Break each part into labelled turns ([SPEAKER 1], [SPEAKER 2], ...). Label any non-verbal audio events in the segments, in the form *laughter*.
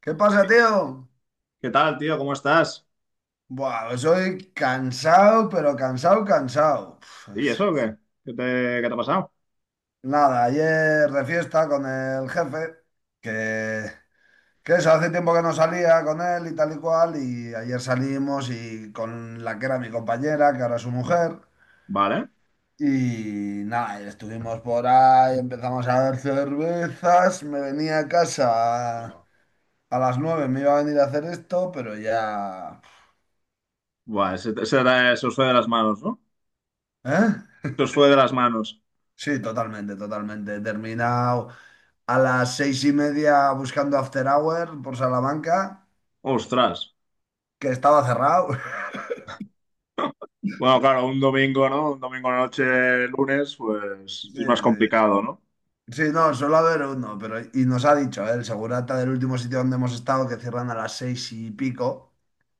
[SPEAKER 1] ¿Qué pasa, tío?
[SPEAKER 2] ¿Qué tal, tío? ¿Cómo estás?
[SPEAKER 1] Buah, pues soy cansado, pero cansado, cansado.
[SPEAKER 2] ¿Y
[SPEAKER 1] Pues,
[SPEAKER 2] eso qué? ¿Qué te, ¿Qué te ha pasado?
[SPEAKER 1] nada, ayer de fiesta con el jefe, que, que eso, hace tiempo que no salía con él y tal y cual, y ayer salimos y con la que era mi compañera, que ahora es su mujer,
[SPEAKER 2] Vale.
[SPEAKER 1] y nada, y estuvimos por ahí, empezamos a ver cervezas, me venía a casa a,
[SPEAKER 2] Buah,
[SPEAKER 1] a las nueve, me iba a venir a hacer esto, pero ya...
[SPEAKER 2] Buah, se, te- se te- Se os fue de las manos, ¿no?
[SPEAKER 1] ¿Eh?
[SPEAKER 2] Se os fue de las manos.
[SPEAKER 1] Sí, totalmente, totalmente. He terminado a las 6:30 buscando After Hour por Salamanca,
[SPEAKER 2] Ostras.
[SPEAKER 1] que estaba cerrado. *laughs*
[SPEAKER 2] Bueno, claro, un domingo, ¿no? Un domingo a la noche, lunes, pues
[SPEAKER 1] Sí,
[SPEAKER 2] es más
[SPEAKER 1] sí.
[SPEAKER 2] complicado, ¿no?
[SPEAKER 1] Sí, no, suele haber uno, pero y nos ha dicho, ¿eh? El segurata del último sitio donde hemos estado, que cierran a las seis y pico,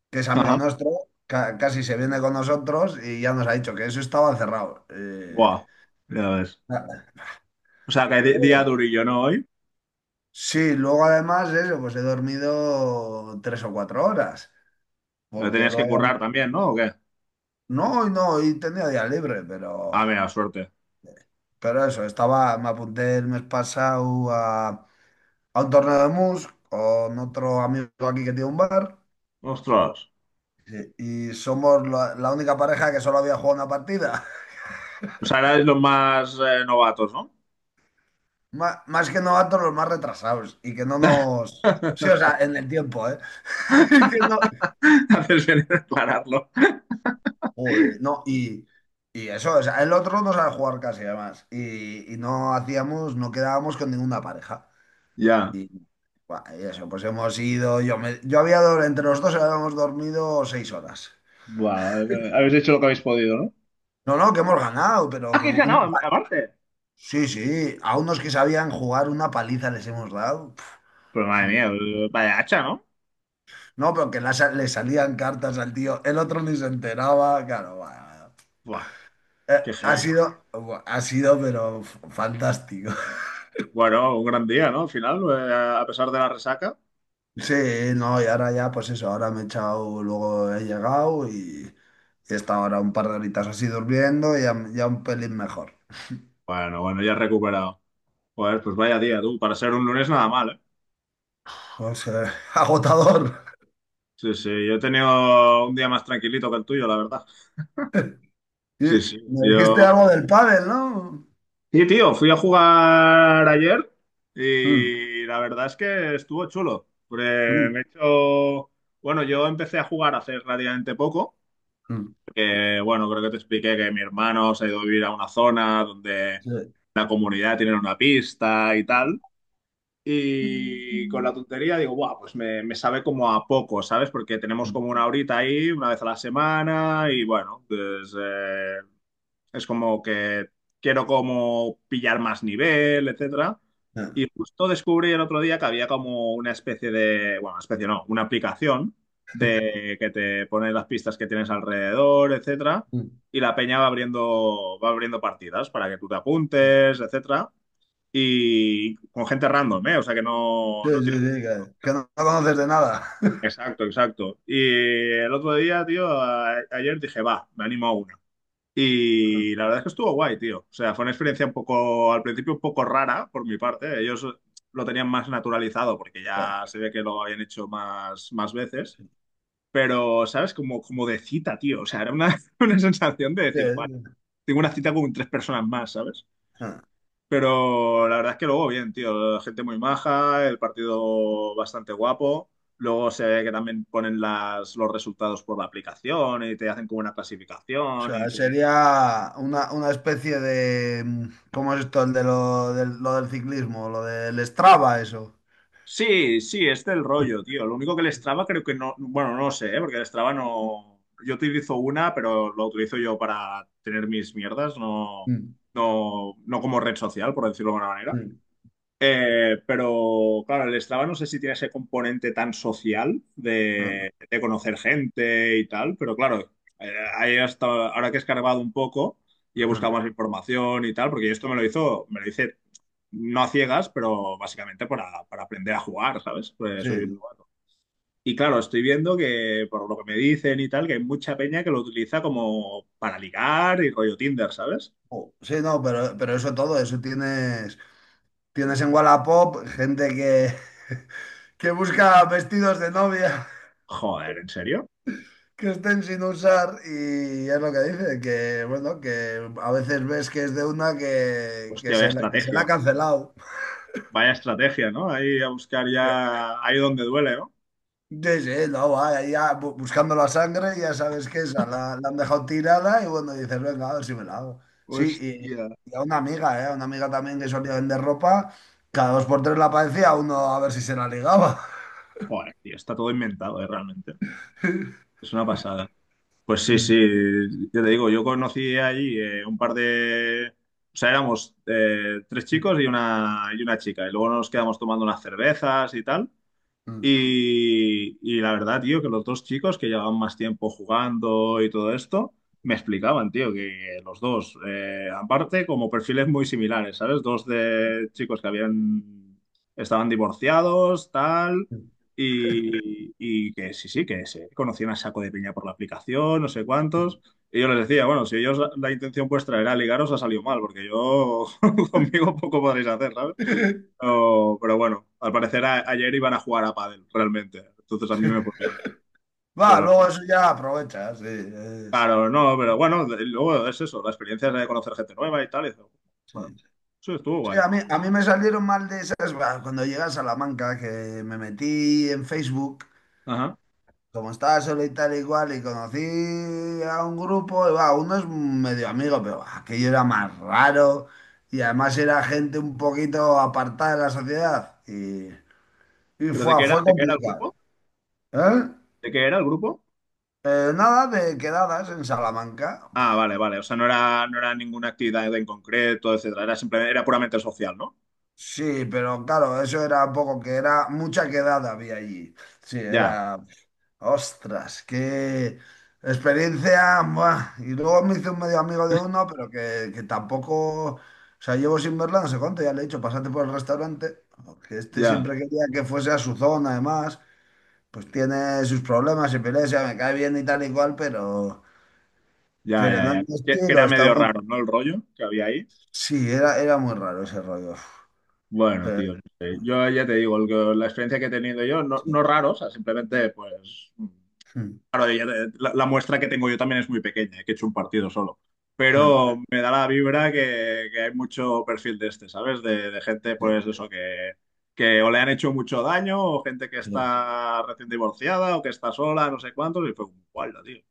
[SPEAKER 1] que es amigo
[SPEAKER 2] Ajá.
[SPEAKER 1] nuestro, casi se viene con nosotros y ya nos ha dicho que eso estaba cerrado. Eh,
[SPEAKER 2] Buah, ya ves.
[SPEAKER 1] nada.
[SPEAKER 2] O sea, que día durillo, ¿no? Hoy.
[SPEAKER 1] Sí, luego además eso, pues he dormido 3 o 4 horas,
[SPEAKER 2] Pero
[SPEAKER 1] porque
[SPEAKER 2] tenías que
[SPEAKER 1] luego...
[SPEAKER 2] currar también, ¿no? ¿O qué?
[SPEAKER 1] No, hoy no, hoy tenía día libre, pero...
[SPEAKER 2] Ah, mira, suerte.
[SPEAKER 1] Pero eso, estaba, me apunté el mes pasado a un torneo de mus con otro amigo aquí que tiene un bar,
[SPEAKER 2] Ostras.
[SPEAKER 1] sí, y somos la única pareja que solo había jugado una partida. *laughs*
[SPEAKER 2] O sea, erais los más novatos, ¿no?
[SPEAKER 1] Más, que novatos, los más retrasados y que no nos... Sí, o
[SPEAKER 2] *laughs*
[SPEAKER 1] sea, en el tiempo, ¿eh? *laughs* Y que no...
[SPEAKER 2] Haces bien en aclararlo.
[SPEAKER 1] Joder, no, y eso, o sea, el otro no sabe jugar casi además y no hacíamos, no quedábamos con ninguna pareja.
[SPEAKER 2] Ya.
[SPEAKER 1] Y, buah, y eso, pues hemos ido, yo, me- yo había, dor- entre los dos habíamos dormido 6 horas.
[SPEAKER 2] Buah, habéis hecho lo que habéis podido, ¿no?
[SPEAKER 1] No, no, que hemos ganado, pero
[SPEAKER 2] Ah, que
[SPEAKER 1] con
[SPEAKER 2] he
[SPEAKER 1] un...
[SPEAKER 2] ganado, aparte.
[SPEAKER 1] Sí, sí, a unos que sabían jugar una paliza les hemos dado. Pf,
[SPEAKER 2] Pero madre mía, vaya hacha, ¿no?
[SPEAKER 1] No, pero que le salían cartas al tío, el otro ni se enteraba, claro, va.
[SPEAKER 2] Buah,
[SPEAKER 1] Eh,
[SPEAKER 2] qué
[SPEAKER 1] ha
[SPEAKER 2] heavy.
[SPEAKER 1] sido, ha sido, pero fantástico. *laughs*
[SPEAKER 2] Bueno, un gran día, ¿no? Al final, a pesar de la resaca.
[SPEAKER 1] Sí, no, y ahora ya, pues eso, ahora me he echado, luego he llegado y he estado ahora un par de horitas así durmiendo y ya un pelín mejor.
[SPEAKER 2] Bueno, bueno, ya he recuperado. Joder, pues vaya día, tú. Para ser un lunes nada mal, ¿eh?
[SPEAKER 1] O sea, *laughs* agotador.
[SPEAKER 2] Sí, sí, yo he tenido un día más tranquilito que el tuyo, la verdad.
[SPEAKER 1] Y
[SPEAKER 2] Sí, sí,
[SPEAKER 1] me dijiste
[SPEAKER 2] yo...
[SPEAKER 1] algo del pádel, ¿no?
[SPEAKER 2] Sí, tío, fui a jugar ayer
[SPEAKER 1] Mm,
[SPEAKER 2] y la verdad es que estuvo chulo. Porque me he
[SPEAKER 1] mm,
[SPEAKER 2] hecho... Bueno, yo empecé a jugar hace relativamente poco.
[SPEAKER 1] mm.
[SPEAKER 2] Que, bueno, creo que te expliqué que mi hermano se ha ido a vivir a una zona donde
[SPEAKER 1] Sí.
[SPEAKER 2] la comunidad tiene una pista y tal.
[SPEAKER 1] Mm,
[SPEAKER 2] Y con
[SPEAKER 1] mm,
[SPEAKER 2] la tontería digo, guau, me sabe como a poco, ¿sabes? Porque tenemos
[SPEAKER 1] mm,
[SPEAKER 2] como una horita ahí, una vez a la semana, y bueno, pues es como que quiero como pillar más nivel, etcétera.
[SPEAKER 1] ah,
[SPEAKER 2] Y justo descubrí el otro día que había como una especie de, bueno, especie no, una aplicación de que te pone las pistas que tienes alrededor, etcétera,
[SPEAKER 1] mm.
[SPEAKER 2] y la peña va abriendo partidas para que tú te apuntes, etcétera, y con gente random, ¿eh? O sea que no,
[SPEAKER 1] Sí,
[SPEAKER 2] no
[SPEAKER 1] sí,
[SPEAKER 2] tiene...
[SPEAKER 1] sí, que no la conoces de nada. *laughs*
[SPEAKER 2] Exacto, exacto. Y el otro día, tío, ayer dije, va, me animo a una. Y la verdad es que estuvo guay, tío. O sea, fue una experiencia un poco, al principio un poco rara por mi parte. Ellos lo tenían más naturalizado porque
[SPEAKER 1] Ah,
[SPEAKER 2] ya se ve que lo habían hecho más, más veces. Pero, ¿sabes? Como, como de cita, tío. O sea, era una, *laughs* una sensación de
[SPEAKER 1] sí,
[SPEAKER 2] decir, vale,
[SPEAKER 1] sí,
[SPEAKER 2] tengo una cita con tres personas más, ¿sabes?
[SPEAKER 1] ah.
[SPEAKER 2] Pero la verdad es que luego bien, tío. Gente muy maja, el partido bastante guapo. Luego se ve que también ponen los resultados por la aplicación y te hacen como una
[SPEAKER 1] O
[SPEAKER 2] clasificación y
[SPEAKER 1] sea,
[SPEAKER 2] te...
[SPEAKER 1] sería una, especie de... ¿Cómo es esto? El de lo del ciclismo, lo del Strava, eso.
[SPEAKER 2] Sí, sí, es del rollo,
[SPEAKER 1] *laughs*
[SPEAKER 2] tío. Lo único que el Strava creo que no, bueno, no lo sé, ¿eh? Porque el Strava no, yo utilizo una, pero lo utilizo yo para tener mis mierdas,
[SPEAKER 1] Mm,
[SPEAKER 2] no como red social, por decirlo de alguna manera.
[SPEAKER 1] mm,
[SPEAKER 2] Pero claro, el Strava no sé si tiene ese componente tan social
[SPEAKER 1] ah,
[SPEAKER 2] de conocer gente y tal, pero claro, ahí hasta ahora que he escarbado un poco y he buscado
[SPEAKER 1] ah.
[SPEAKER 2] más información y tal, porque esto me lo hizo, me lo hice no a ciegas, pero básicamente para aprender a jugar, ¿sabes? Pues
[SPEAKER 1] Sí,
[SPEAKER 2] soy un
[SPEAKER 1] sí.
[SPEAKER 2] novato. Y claro, estoy viendo que por lo que me dicen y tal, que hay mucha peña que lo utiliza como para ligar y rollo Tinder, ¿sabes?
[SPEAKER 1] Oh, sí, no, pero eso todo, eso tienes en Wallapop gente que, *laughs* que busca vestidos de novia
[SPEAKER 2] Joder, ¿en serio?
[SPEAKER 1] que estén sin usar y es lo que dice, que bueno, que a veces ves que es de una que
[SPEAKER 2] Hostia, vaya
[SPEAKER 1] se la ha
[SPEAKER 2] estrategia.
[SPEAKER 1] cancelado.
[SPEAKER 2] Vaya estrategia, ¿no? Ahí a buscar ya ahí donde duele, ¿no?
[SPEAKER 1] Sí, sí, no, va, ya buscando la sangre, ya sabes que esa la han dejado tirada y bueno, dices, venga, a ver si me la hago. Sí,
[SPEAKER 2] Hostia.
[SPEAKER 1] y a una amiga, ¿eh? A una amiga también que solía vender ropa, cada dos por tres la aparecía uno a ver si se la ligaba.
[SPEAKER 2] Joder, tío, está todo inventado, realmente. Es una pasada. Pues sí, sí, yo te digo, yo conocí allí un par de... O sea, éramos tres chicos y una chica. Y luego nos quedamos tomando unas cervezas y tal.
[SPEAKER 1] *laughs*
[SPEAKER 2] Y la verdad, tío, que los dos chicos que llevaban más tiempo jugando y todo esto, me explicaban, tío, que los dos, aparte, como perfiles muy similares, ¿sabes? Dos de chicos que habían, estaban divorciados, tal, y que sí, sí, que se conocían a saco de piña por la aplicación, no sé cuántos. Y yo les decía, bueno, si ellos la intención vuestra era ligaros, ha salido mal, porque yo *laughs* conmigo poco podréis hacer, ¿sabes? Pero bueno, al parecer ayer iban a jugar a pádel, realmente. Entonces a mí me fue bien.
[SPEAKER 1] Va,
[SPEAKER 2] Pero
[SPEAKER 1] luego
[SPEAKER 2] sí.
[SPEAKER 1] eso ya aprovecha, sí,
[SPEAKER 2] Claro, no, pero bueno, luego es eso, la experiencia de conocer gente nueva y tal. Y eso, bueno,
[SPEAKER 1] sí.
[SPEAKER 2] eso estuvo
[SPEAKER 1] Sí,
[SPEAKER 2] guay.
[SPEAKER 1] a mí me salieron mal de esas, bah, cuando llegué a Salamanca, que me metí en Facebook,
[SPEAKER 2] Ajá.
[SPEAKER 1] como estaba solo y tal igual, y conocí a un grupo, y bah, uno es medio amigo, pero bah, aquello era más raro, y además era gente un poquito apartada de la sociedad, y
[SPEAKER 2] ¿Pero
[SPEAKER 1] fue, fue
[SPEAKER 2] de qué era el
[SPEAKER 1] complicado.
[SPEAKER 2] grupo?
[SPEAKER 1] ¿Eh?
[SPEAKER 2] ¿De qué era el grupo?
[SPEAKER 1] Nada de quedadas en Salamanca.
[SPEAKER 2] Ah, vale, vale. O sea, no era, no era ninguna actividad en concreto, etcétera. Era simplemente, era puramente social, ¿no?
[SPEAKER 1] Sí, pero claro, eso era un poco que era mucha quedada había allí. Sí,
[SPEAKER 2] Ya,
[SPEAKER 1] era. Ostras, qué experiencia. Buah. Y luego me hice un medio amigo de uno, pero que tampoco, o sea, llevo sin verla no sé cuánto, ya le he dicho, pásate por el restaurante, que este
[SPEAKER 2] ya,
[SPEAKER 1] siempre quería que fuese a su zona, además, pues tiene sus problemas y peleas, ya me cae bien y tal y cual, pero,
[SPEAKER 2] ya,
[SPEAKER 1] pero
[SPEAKER 2] ya,
[SPEAKER 1] no es
[SPEAKER 2] ya.
[SPEAKER 1] mi
[SPEAKER 2] Que
[SPEAKER 1] estilo,
[SPEAKER 2] era
[SPEAKER 1] está
[SPEAKER 2] medio
[SPEAKER 1] muy...
[SPEAKER 2] raro, ¿no? El rollo que había ahí.
[SPEAKER 1] Sí, era muy raro ese rollo.
[SPEAKER 2] Bueno,
[SPEAKER 1] Eh,
[SPEAKER 2] tío, no sé. Yo ya te digo, la experiencia que he tenido yo, no,
[SPEAKER 1] Sí.
[SPEAKER 2] no raro, o sea, simplemente, pues,
[SPEAKER 1] Mm.
[SPEAKER 2] claro, la, la muestra que tengo yo también es muy pequeña, que he hecho un partido solo,
[SPEAKER 1] Ja,
[SPEAKER 2] pero me da la vibra que hay mucho perfil de este, ¿sabes? De gente,
[SPEAKER 1] sí,
[SPEAKER 2] pues, eso, que o le han hecho mucho daño, o gente que
[SPEAKER 1] sí.
[SPEAKER 2] está recién divorciada, o que está sola, no sé cuántos, y fue un tío.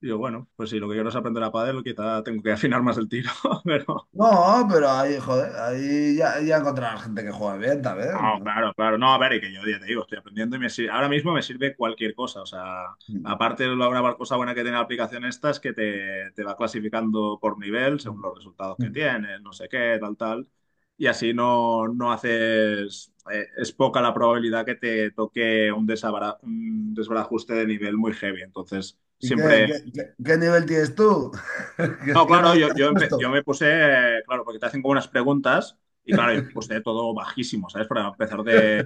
[SPEAKER 2] Digo, bueno, pues sí, lo que quiero es aprender a pádel, quizá tengo que afinar más el tiro, *laughs* pero...
[SPEAKER 1] No, pero ahí, joder, ahí ya encontrarás gente que juega bien, también,
[SPEAKER 2] Ah,
[SPEAKER 1] ¿no?
[SPEAKER 2] claro, claro. No, a ver, y que yo ya te digo, estoy aprendiendo y ahora mismo me sirve cualquier cosa. O sea,
[SPEAKER 1] Hmm.
[SPEAKER 2] aparte de la cosa buena que tiene la aplicación esta es que te va clasificando por nivel según
[SPEAKER 1] Mm,
[SPEAKER 2] los resultados que
[SPEAKER 1] mm.
[SPEAKER 2] tienes, no sé qué, tal, tal. Y así no, no haces, es poca la probabilidad que te toque un un desbarajuste de nivel muy heavy. Entonces,
[SPEAKER 1] ¿Y
[SPEAKER 2] siempre...
[SPEAKER 1] qué nivel tienes tú? *laughs* ¿Qué,
[SPEAKER 2] No,
[SPEAKER 1] qué
[SPEAKER 2] claro,
[SPEAKER 1] nivel te has
[SPEAKER 2] yo
[SPEAKER 1] puesto?
[SPEAKER 2] me puse, claro, porque te hacen como unas preguntas y claro, yo me
[SPEAKER 1] *laughs*
[SPEAKER 2] puse todo bajísimo, ¿sabes? Para empezar de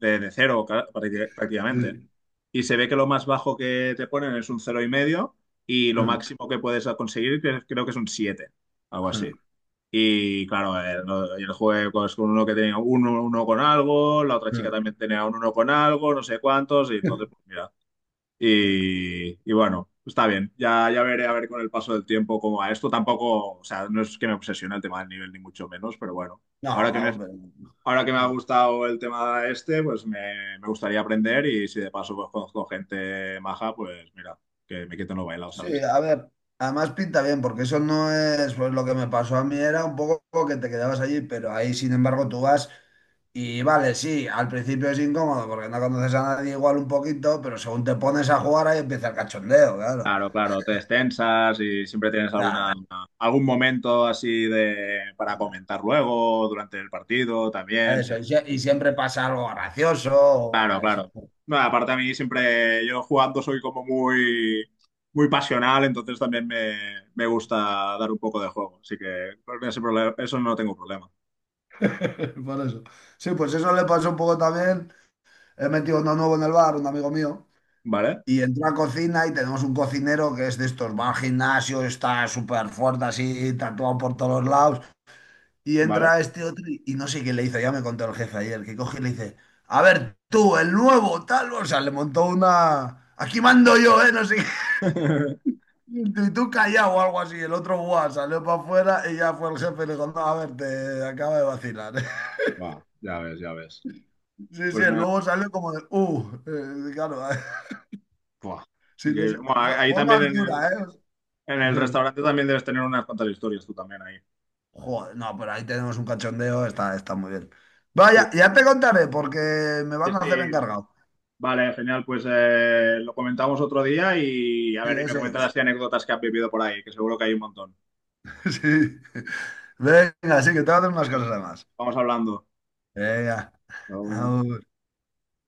[SPEAKER 2] de, de cero prácticamente.
[SPEAKER 1] Sí.
[SPEAKER 2] Y se ve que lo más bajo que te ponen es un cero y medio y lo
[SPEAKER 1] Mm,
[SPEAKER 2] máximo que puedes conseguir creo que es un 7 algo así.
[SPEAKER 1] mm,
[SPEAKER 2] Y claro, el juego es con uno que tenía un uno con algo, la otra chica
[SPEAKER 1] mm.
[SPEAKER 2] también tenía un uno con algo, no sé cuántos, y entonces, pues mira. Y bueno, está bien, ya, ya veré a ver con el paso del tiempo cómo va esto. Tampoco, o sea, no es que me obsesione el tema del nivel, ni mucho menos, pero bueno,
[SPEAKER 1] No,
[SPEAKER 2] ahora que me has
[SPEAKER 1] hombre.
[SPEAKER 2] ahora que me ha gustado el tema este, me gustaría aprender y si de paso pues conozco gente maja, pues mira, que me quiten lo bailado,
[SPEAKER 1] Sí,
[SPEAKER 2] ¿sabes?
[SPEAKER 1] a ver, además pinta bien, porque eso no es, pues lo que me pasó a mí era un poco que te quedabas allí, pero ahí sin embargo tú vas y vale, sí, al principio es incómodo porque no conoces a nadie igual un poquito, pero según te pones a jugar ahí empieza el cachondeo, claro.
[SPEAKER 2] Claro, claro, te extensas y siempre tienes alguna,
[SPEAKER 1] Claro,
[SPEAKER 2] algún momento así de, para comentar luego, durante el partido también, sí.
[SPEAKER 1] eso, y, siempre pasa algo gracioso, o,
[SPEAKER 2] Claro,
[SPEAKER 1] bah, eso.
[SPEAKER 2] claro. No, aparte a mí siempre, yo jugando soy como muy, muy pasional, entonces también me gusta dar un poco de juego, así que con ese problema, eso no tengo problema,
[SPEAKER 1] *laughs* Por eso. Sí, pues eso le pasó un poco también. He metido uno nuevo en el bar, un amigo mío,
[SPEAKER 2] ¿vale?
[SPEAKER 1] y entró a cocina y tenemos un cocinero que es de estos, va al gimnasio, está súper fuerte así, tatuado por todos lados, y
[SPEAKER 2] ¿Vale?
[SPEAKER 1] entra este otro y no sé qué le hizo, ya me contó el jefe ayer, que coge y le dice, a ver, tú, el nuevo, tal, o sea, le montó una... Aquí mando yo, ¿eh? No sé qué. *laughs*
[SPEAKER 2] *laughs*
[SPEAKER 1] Y tú callado o algo así. El otro, guau, salió para afuera y ya fue el jefe y le dijo, no, a ver, te acaba de vacilar.
[SPEAKER 2] Buah, ya ves, ya ves.
[SPEAKER 1] Sí, sí,
[SPEAKER 2] Pues nada,
[SPEAKER 1] luego sale como de, claro,
[SPEAKER 2] buah,
[SPEAKER 1] *laughs* sí,
[SPEAKER 2] increíble. Bueno, ahí
[SPEAKER 1] fue,
[SPEAKER 2] ahí
[SPEAKER 1] fue
[SPEAKER 2] también
[SPEAKER 1] más dura, ¿eh? *laughs*
[SPEAKER 2] en el
[SPEAKER 1] Sí.
[SPEAKER 2] restaurante también debes tener unas cuantas historias tú también ahí.
[SPEAKER 1] Joder, no, pero ahí tenemos un cachondeo, está muy bien.
[SPEAKER 2] Sí,
[SPEAKER 1] Vaya, ya te contaré porque me
[SPEAKER 2] sí,
[SPEAKER 1] van a
[SPEAKER 2] sí.
[SPEAKER 1] hacer encargado.
[SPEAKER 2] Vale, genial. Pues lo comentamos otro día y a
[SPEAKER 1] Sí,
[SPEAKER 2] ver, y me
[SPEAKER 1] eso
[SPEAKER 2] comentas
[SPEAKER 1] es.
[SPEAKER 2] las anécdotas que has vivido por ahí, que seguro que hay un montón.
[SPEAKER 1] *laughs* Sí. Venga, sí, que te voy a hacer unas cosas además.
[SPEAKER 2] Vamos hablando.
[SPEAKER 1] Venga,
[SPEAKER 2] Chao.
[SPEAKER 1] agur.